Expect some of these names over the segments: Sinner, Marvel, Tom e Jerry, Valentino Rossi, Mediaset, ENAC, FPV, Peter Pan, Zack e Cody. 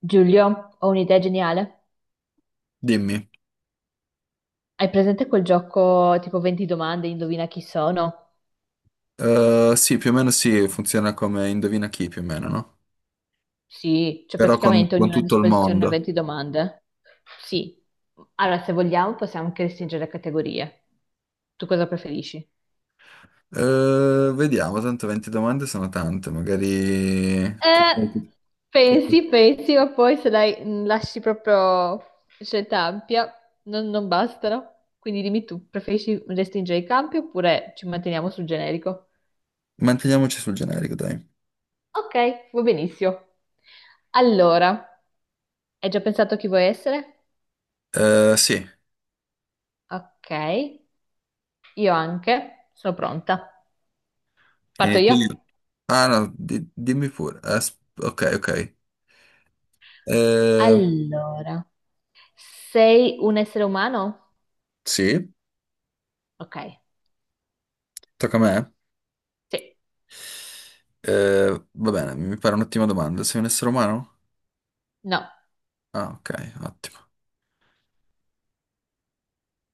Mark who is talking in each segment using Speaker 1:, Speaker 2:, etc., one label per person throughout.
Speaker 1: Giulio, ho un'idea geniale.
Speaker 2: Dimmi.
Speaker 1: Hai presente quel gioco tipo 20 domande, indovina chi sono?
Speaker 2: Sì, più o meno sì, funziona come Indovina chi più o meno, no?
Speaker 1: Sì, c'è
Speaker 2: Però con,
Speaker 1: praticamente
Speaker 2: con
Speaker 1: ognuno a
Speaker 2: tutto il
Speaker 1: disposizione
Speaker 2: mondo.
Speaker 1: 20 domande. Sì. Allora, se vogliamo, possiamo anche restringere le categorie. Tu cosa preferisci?
Speaker 2: Vediamo, tanto 20 domande sono tante, magari,
Speaker 1: Eh,
Speaker 2: con qualche-
Speaker 1: pensi, ma poi se dai, lasci proprio scelta ampia, non bastano. Quindi dimmi tu, preferisci restringere i campi oppure ci manteniamo sul generico?
Speaker 2: Manteniamoci sul generico, dai.
Speaker 1: Ok, va benissimo. Allora, hai già pensato chi vuoi essere?
Speaker 2: Sì,
Speaker 1: Ok, io anche. Sono pronta. Parto
Speaker 2: inizio
Speaker 1: io?
Speaker 2: io.
Speaker 1: Sì.
Speaker 2: Ah, no, dimmi pure. Ok, ok. Eh,
Speaker 1: Allora, sei un essere umano?
Speaker 2: sì,
Speaker 1: Ok,
Speaker 2: tocca a me.
Speaker 1: sì.
Speaker 2: Va bene, mi pare un'ottima domanda. Sei un essere umano?
Speaker 1: No,
Speaker 2: Ah, ok, ottimo.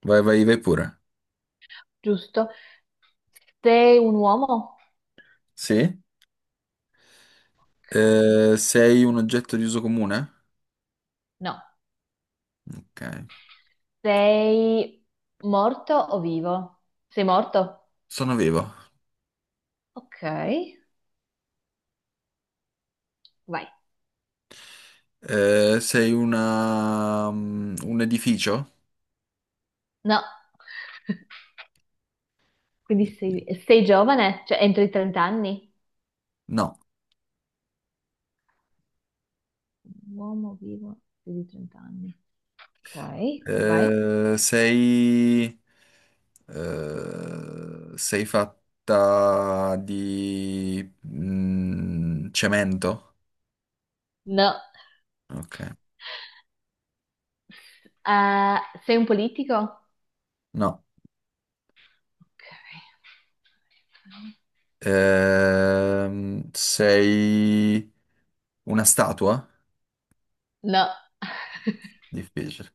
Speaker 2: Vai, vai, vai pure.
Speaker 1: giusto. Sei un uomo?
Speaker 2: Sì?
Speaker 1: Ok.
Speaker 2: Sei un oggetto di uso comune?
Speaker 1: No.
Speaker 2: Ok.
Speaker 1: Sei morto o vivo? Sei morto?
Speaker 2: Sono vivo.
Speaker 1: Ok, vai.
Speaker 2: Sei un edificio?
Speaker 1: No. Quindi sei giovane? Cioè, entro i 30 anni?
Speaker 2: No.
Speaker 1: Un uomo vivo più di 30 anni. Ok, vai.
Speaker 2: Eh, sei... Sei fatta di cemento?
Speaker 1: No.
Speaker 2: Ok.
Speaker 1: Eh, Sei un politico?
Speaker 2: No.
Speaker 1: Ok.
Speaker 2: Sei una statua?
Speaker 1: No.
Speaker 2: Difficile.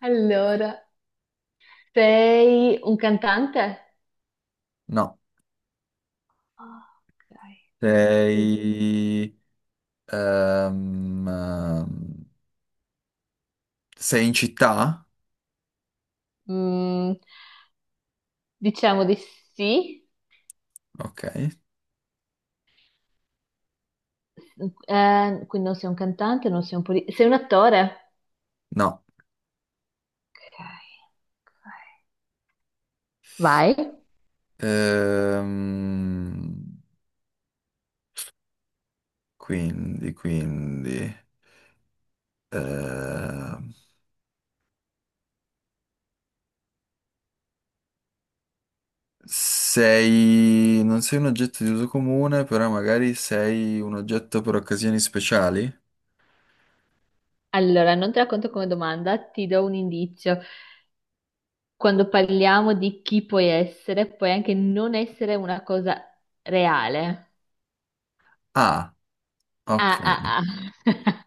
Speaker 1: Allora, sei un cantante?
Speaker 2: No.
Speaker 1: Ah, ok, Mm, sei-
Speaker 2: Sei... Ehm, Sei in città?
Speaker 1: mm, diciamo di sì.
Speaker 2: Ok,
Speaker 1: Quindi non sei un cantante, non sei un politico. Sei un attore?
Speaker 2: no.
Speaker 1: Ok, ok. Vai.
Speaker 2: Ehm, quindi, ehm, non sei un oggetto di uso comune, però magari sei un oggetto per occasioni speciali?
Speaker 1: Allora, non te la conto come domanda, ti do un indizio. Quando parliamo di chi puoi essere, puoi anche non essere una cosa reale.
Speaker 2: Ah, ok.
Speaker 1: Ah, ah, ah.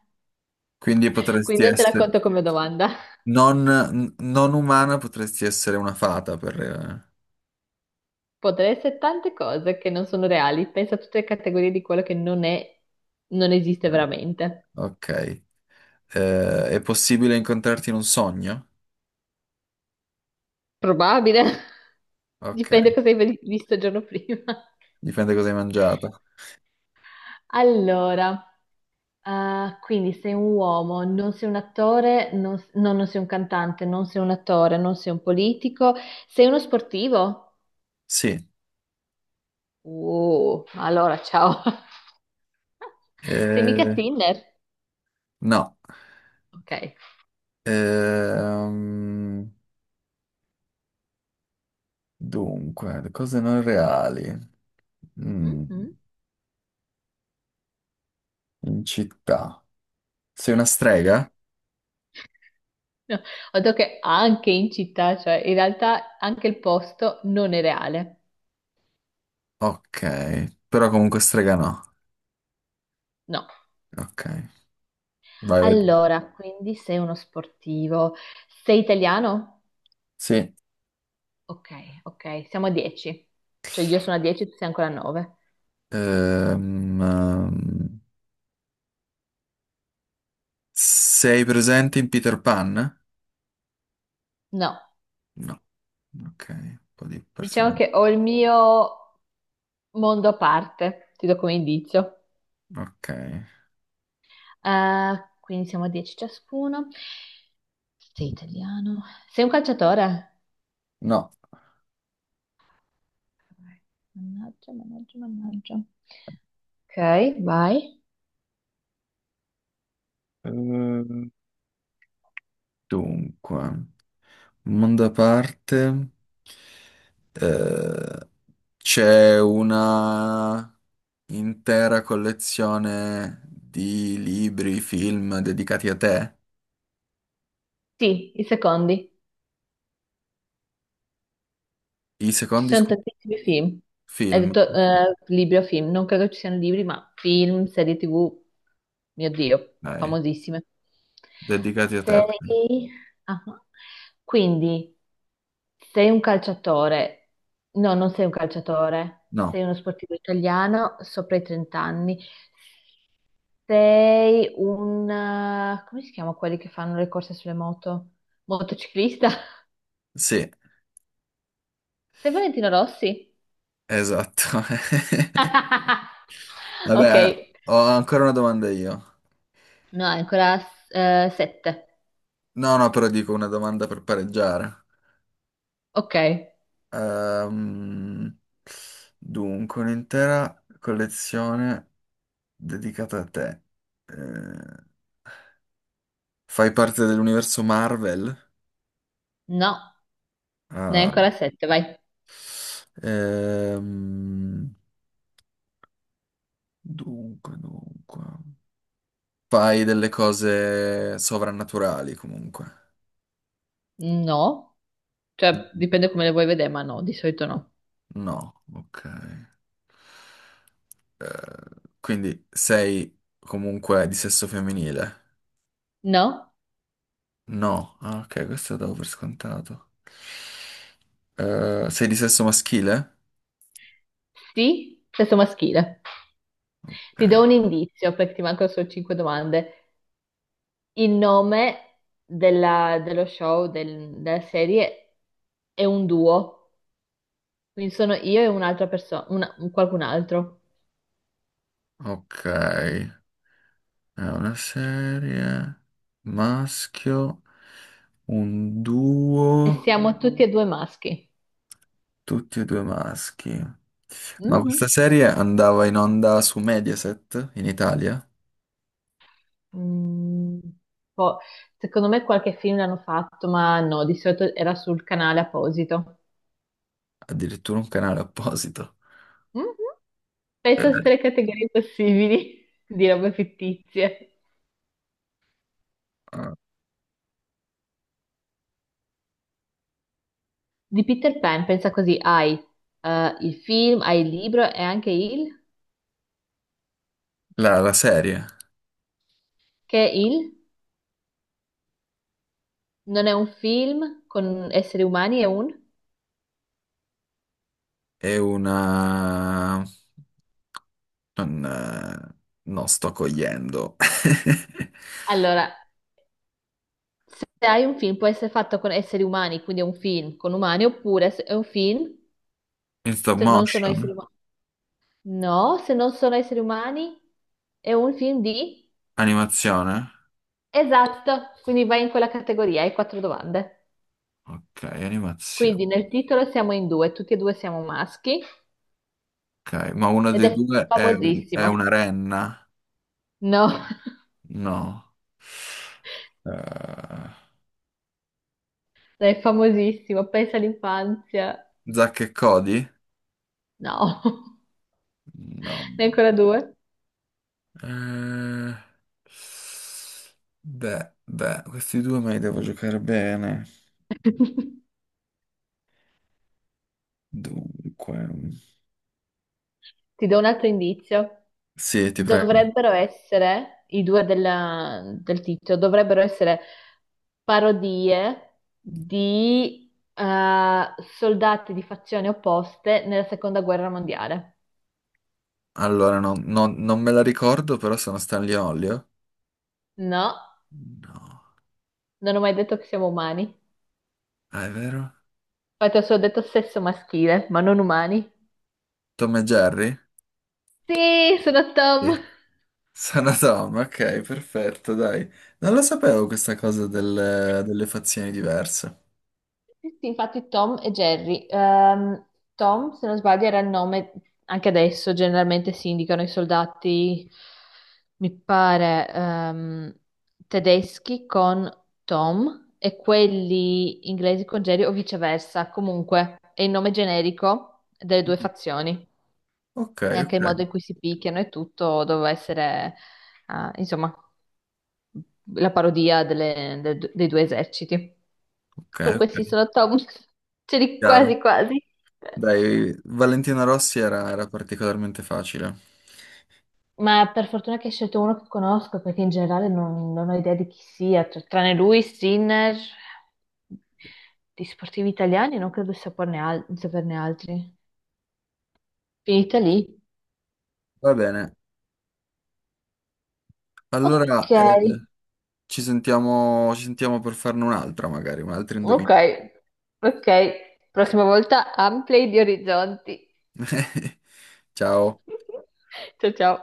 Speaker 2: Quindi potresti
Speaker 1: Quindi non te la
Speaker 2: essere
Speaker 1: conto come domanda.
Speaker 2: non umana, potresti essere una fata.
Speaker 1: Potrei essere tante cose che non sono reali. Pensa a tutte le categorie di quello che non è, non esiste veramente.
Speaker 2: Ok. È possibile incontrarti in un sogno?
Speaker 1: Probabile.
Speaker 2: Ok,
Speaker 1: Dipende cosa hai visto il giorno prima.
Speaker 2: dipende cosa hai mangiato.
Speaker 1: Allora, ah, quindi sei un uomo, non sei un attore, non sei un cantante, non sei un attore, non sei un politico, sei uno sportivo?
Speaker 2: Sì,
Speaker 1: Allora, ciao. Sei mica
Speaker 2: eh,
Speaker 1: Tinder?
Speaker 2: no.
Speaker 1: Ok.
Speaker 2: Ehm, Dunque, le cose non reali. Mm,
Speaker 1: Mm-mm.
Speaker 2: In città. Sei una strega?
Speaker 1: No, ho detto che anche in città, cioè in realtà anche il posto non è reale.
Speaker 2: Ok, però comunque strega no.
Speaker 1: No.
Speaker 2: Ok, vai, vai tu.
Speaker 1: Allora, quindi sei uno sportivo. Sei italiano?
Speaker 2: Sì.
Speaker 1: Ok, ok, siamo a 10. Cioè io sono a 10, tu sei ancora a 9.
Speaker 2: Ehm, ehm, Sei presente in Peter Pan?
Speaker 1: No,
Speaker 2: No. Ok, un po' di
Speaker 1: diciamo
Speaker 2: personaggi.
Speaker 1: che ho il mio mondo a parte, ti do come indizio.
Speaker 2: Ok,
Speaker 1: Quindi siamo a 10 ciascuno. Sei italiano? Sei un calciatore?
Speaker 2: no.
Speaker 1: Mannaggia, mannaggia, mannaggia. Ok, vai.
Speaker 2: Ehm, Dunque. Mondo a parte, eh, c'è una intera collezione di libri, film dedicati a te.
Speaker 1: Sì, i secondi.
Speaker 2: I
Speaker 1: Ci
Speaker 2: secondi
Speaker 1: sono tantissimi film. Hai
Speaker 2: film,
Speaker 1: detto libri o film, non credo ci siano libri, ma film, serie TV, mio Dio,
Speaker 2: dai,
Speaker 1: famosissime.
Speaker 2: dedicati a te. Ok.
Speaker 1: Sei... ah, quindi sei un calciatore, no, non sei un calciatore,
Speaker 2: No,
Speaker 1: sei uno sportivo italiano sopra i 30 anni, come si chiama quelli che fanno le corse sulle moto? Motociclista?
Speaker 2: sì,
Speaker 1: Sei Valentino Rossi?
Speaker 2: esatto.
Speaker 1: Ok,
Speaker 2: Vabbè, ho ancora una domanda io.
Speaker 1: no, è ancora 7.
Speaker 2: No, no, però dico una domanda per pareggiare.
Speaker 1: Ok,
Speaker 2: Ehm, Dunque, un'intera collezione dedicata a te. Eh, Fai parte dell'universo Marvel?
Speaker 1: no, ne è
Speaker 2: Ah.
Speaker 1: ancora 7, vai.
Speaker 2: Ehm, dunque. Fai delle cose sovrannaturali comunque.
Speaker 1: No, cioè
Speaker 2: Mm,
Speaker 1: dipende come le vuoi vedere, ma no, di solito no.
Speaker 2: no, ok. Eh, quindi sei comunque di sesso femminile?
Speaker 1: No,
Speaker 2: No, ah, ok, questo lo davo per scontato. Sei di sesso maschile?
Speaker 1: sì, sesso maschile. Ti do
Speaker 2: Ok.
Speaker 1: un indizio perché ti mancano solo 5 domande. Il nome dello show, della serie, è un duo, quindi sono io e un'altra persona, qualcun altro.
Speaker 2: Ok. È una serie, maschio, un
Speaker 1: E
Speaker 2: duo,
Speaker 1: siamo tutti e due maschi.
Speaker 2: tutti e due maschi. Ma questa
Speaker 1: Mhm.
Speaker 2: serie andava in onda su Mediaset in Italia,
Speaker 1: Mm, boh, secondo me qualche film l'hanno fatto, ma no, di solito era sul canale apposito.
Speaker 2: addirittura un canale apposito.
Speaker 1: Mhm.
Speaker 2: Eh,
Speaker 1: Pensa a tutte le categorie possibili di robe fittizie. Di Peter Pan, pensa così, hai il film, hai il libro e anche il...
Speaker 2: la serie
Speaker 1: Che il non è un film con esseri umani, è un...
Speaker 2: è una... non, non sto cogliendo.
Speaker 1: Allora, se hai un film può essere fatto con esseri umani, quindi è un film con umani, oppure se è un film
Speaker 2: In stop
Speaker 1: se non sono
Speaker 2: motion?
Speaker 1: esseri umani. No, se non sono esseri umani, è un film di...
Speaker 2: Animazione?
Speaker 1: Esatto, quindi vai in quella categoria, hai quattro domande.
Speaker 2: Ok, animazione.
Speaker 1: Quindi nel titolo siamo in due, tutti e due siamo maschi
Speaker 2: Ok, ma uno
Speaker 1: ed
Speaker 2: dei
Speaker 1: è
Speaker 2: due è
Speaker 1: famosissimo.
Speaker 2: una renna.
Speaker 1: No,
Speaker 2: No. Eh,
Speaker 1: è famosissimo, pensa all'infanzia.
Speaker 2: Zack e Cody?
Speaker 1: No,
Speaker 2: No.
Speaker 1: ne hai ancora due.
Speaker 2: Eh, Beh, beh, questi due me li devo giocare bene. Dunque.
Speaker 1: Ti do un altro indizio.
Speaker 2: Sì, ti prego.
Speaker 1: Dovrebbero essere, i due del titolo, dovrebbero essere parodie di soldati di fazioni opposte nella seconda guerra mondiale.
Speaker 2: Allora, non me la ricordo, però sono Stanley e Olio.
Speaker 1: No,
Speaker 2: No.
Speaker 1: non ho mai detto che siamo umani.
Speaker 2: Ah, è vero?
Speaker 1: Infatti ho solo detto sesso maschile, ma non umani.
Speaker 2: Tom e Jerry?
Speaker 1: Sì, sono Tom.
Speaker 2: Sì. Sono Tom, ok, perfetto, dai. Non lo sapevo questa cosa delle fazioni diverse.
Speaker 1: Sì, sì, infatti Tom e Jerry. Tom, se non sbaglio, era il nome, anche adesso generalmente si indicano i soldati, mi pare, tedeschi con Tom e quelli inglesi con Jerry o viceversa. Comunque è il nome generico delle due
Speaker 2: Mm.
Speaker 1: fazioni
Speaker 2: Ok,
Speaker 1: e anche
Speaker 2: ok.
Speaker 1: il modo in cui si picchiano e tutto doveva essere, insomma la parodia dei due eserciti.
Speaker 2: Ok,
Speaker 1: Comunque sì,
Speaker 2: ok,
Speaker 1: sono Tom, ce li
Speaker 2: chiaro.
Speaker 1: quasi quasi.
Speaker 2: Dai, Valentina Rossi era particolarmente facile.
Speaker 1: Ma per fortuna che hai scelto uno che conosco, perché in generale non ho idea di chi sia, cioè, tranne lui, Sinner, di sportivi italiani non credo di saperne, di saperne altri. Finita lì?
Speaker 2: Va bene, allora
Speaker 1: Ok,
Speaker 2: ci sentiamo per farne un'altra magari, un altro indovinello.
Speaker 1: ok, ok. Prossima volta ampli gli orizzonti.
Speaker 2: Ciao.
Speaker 1: Ciao ciao.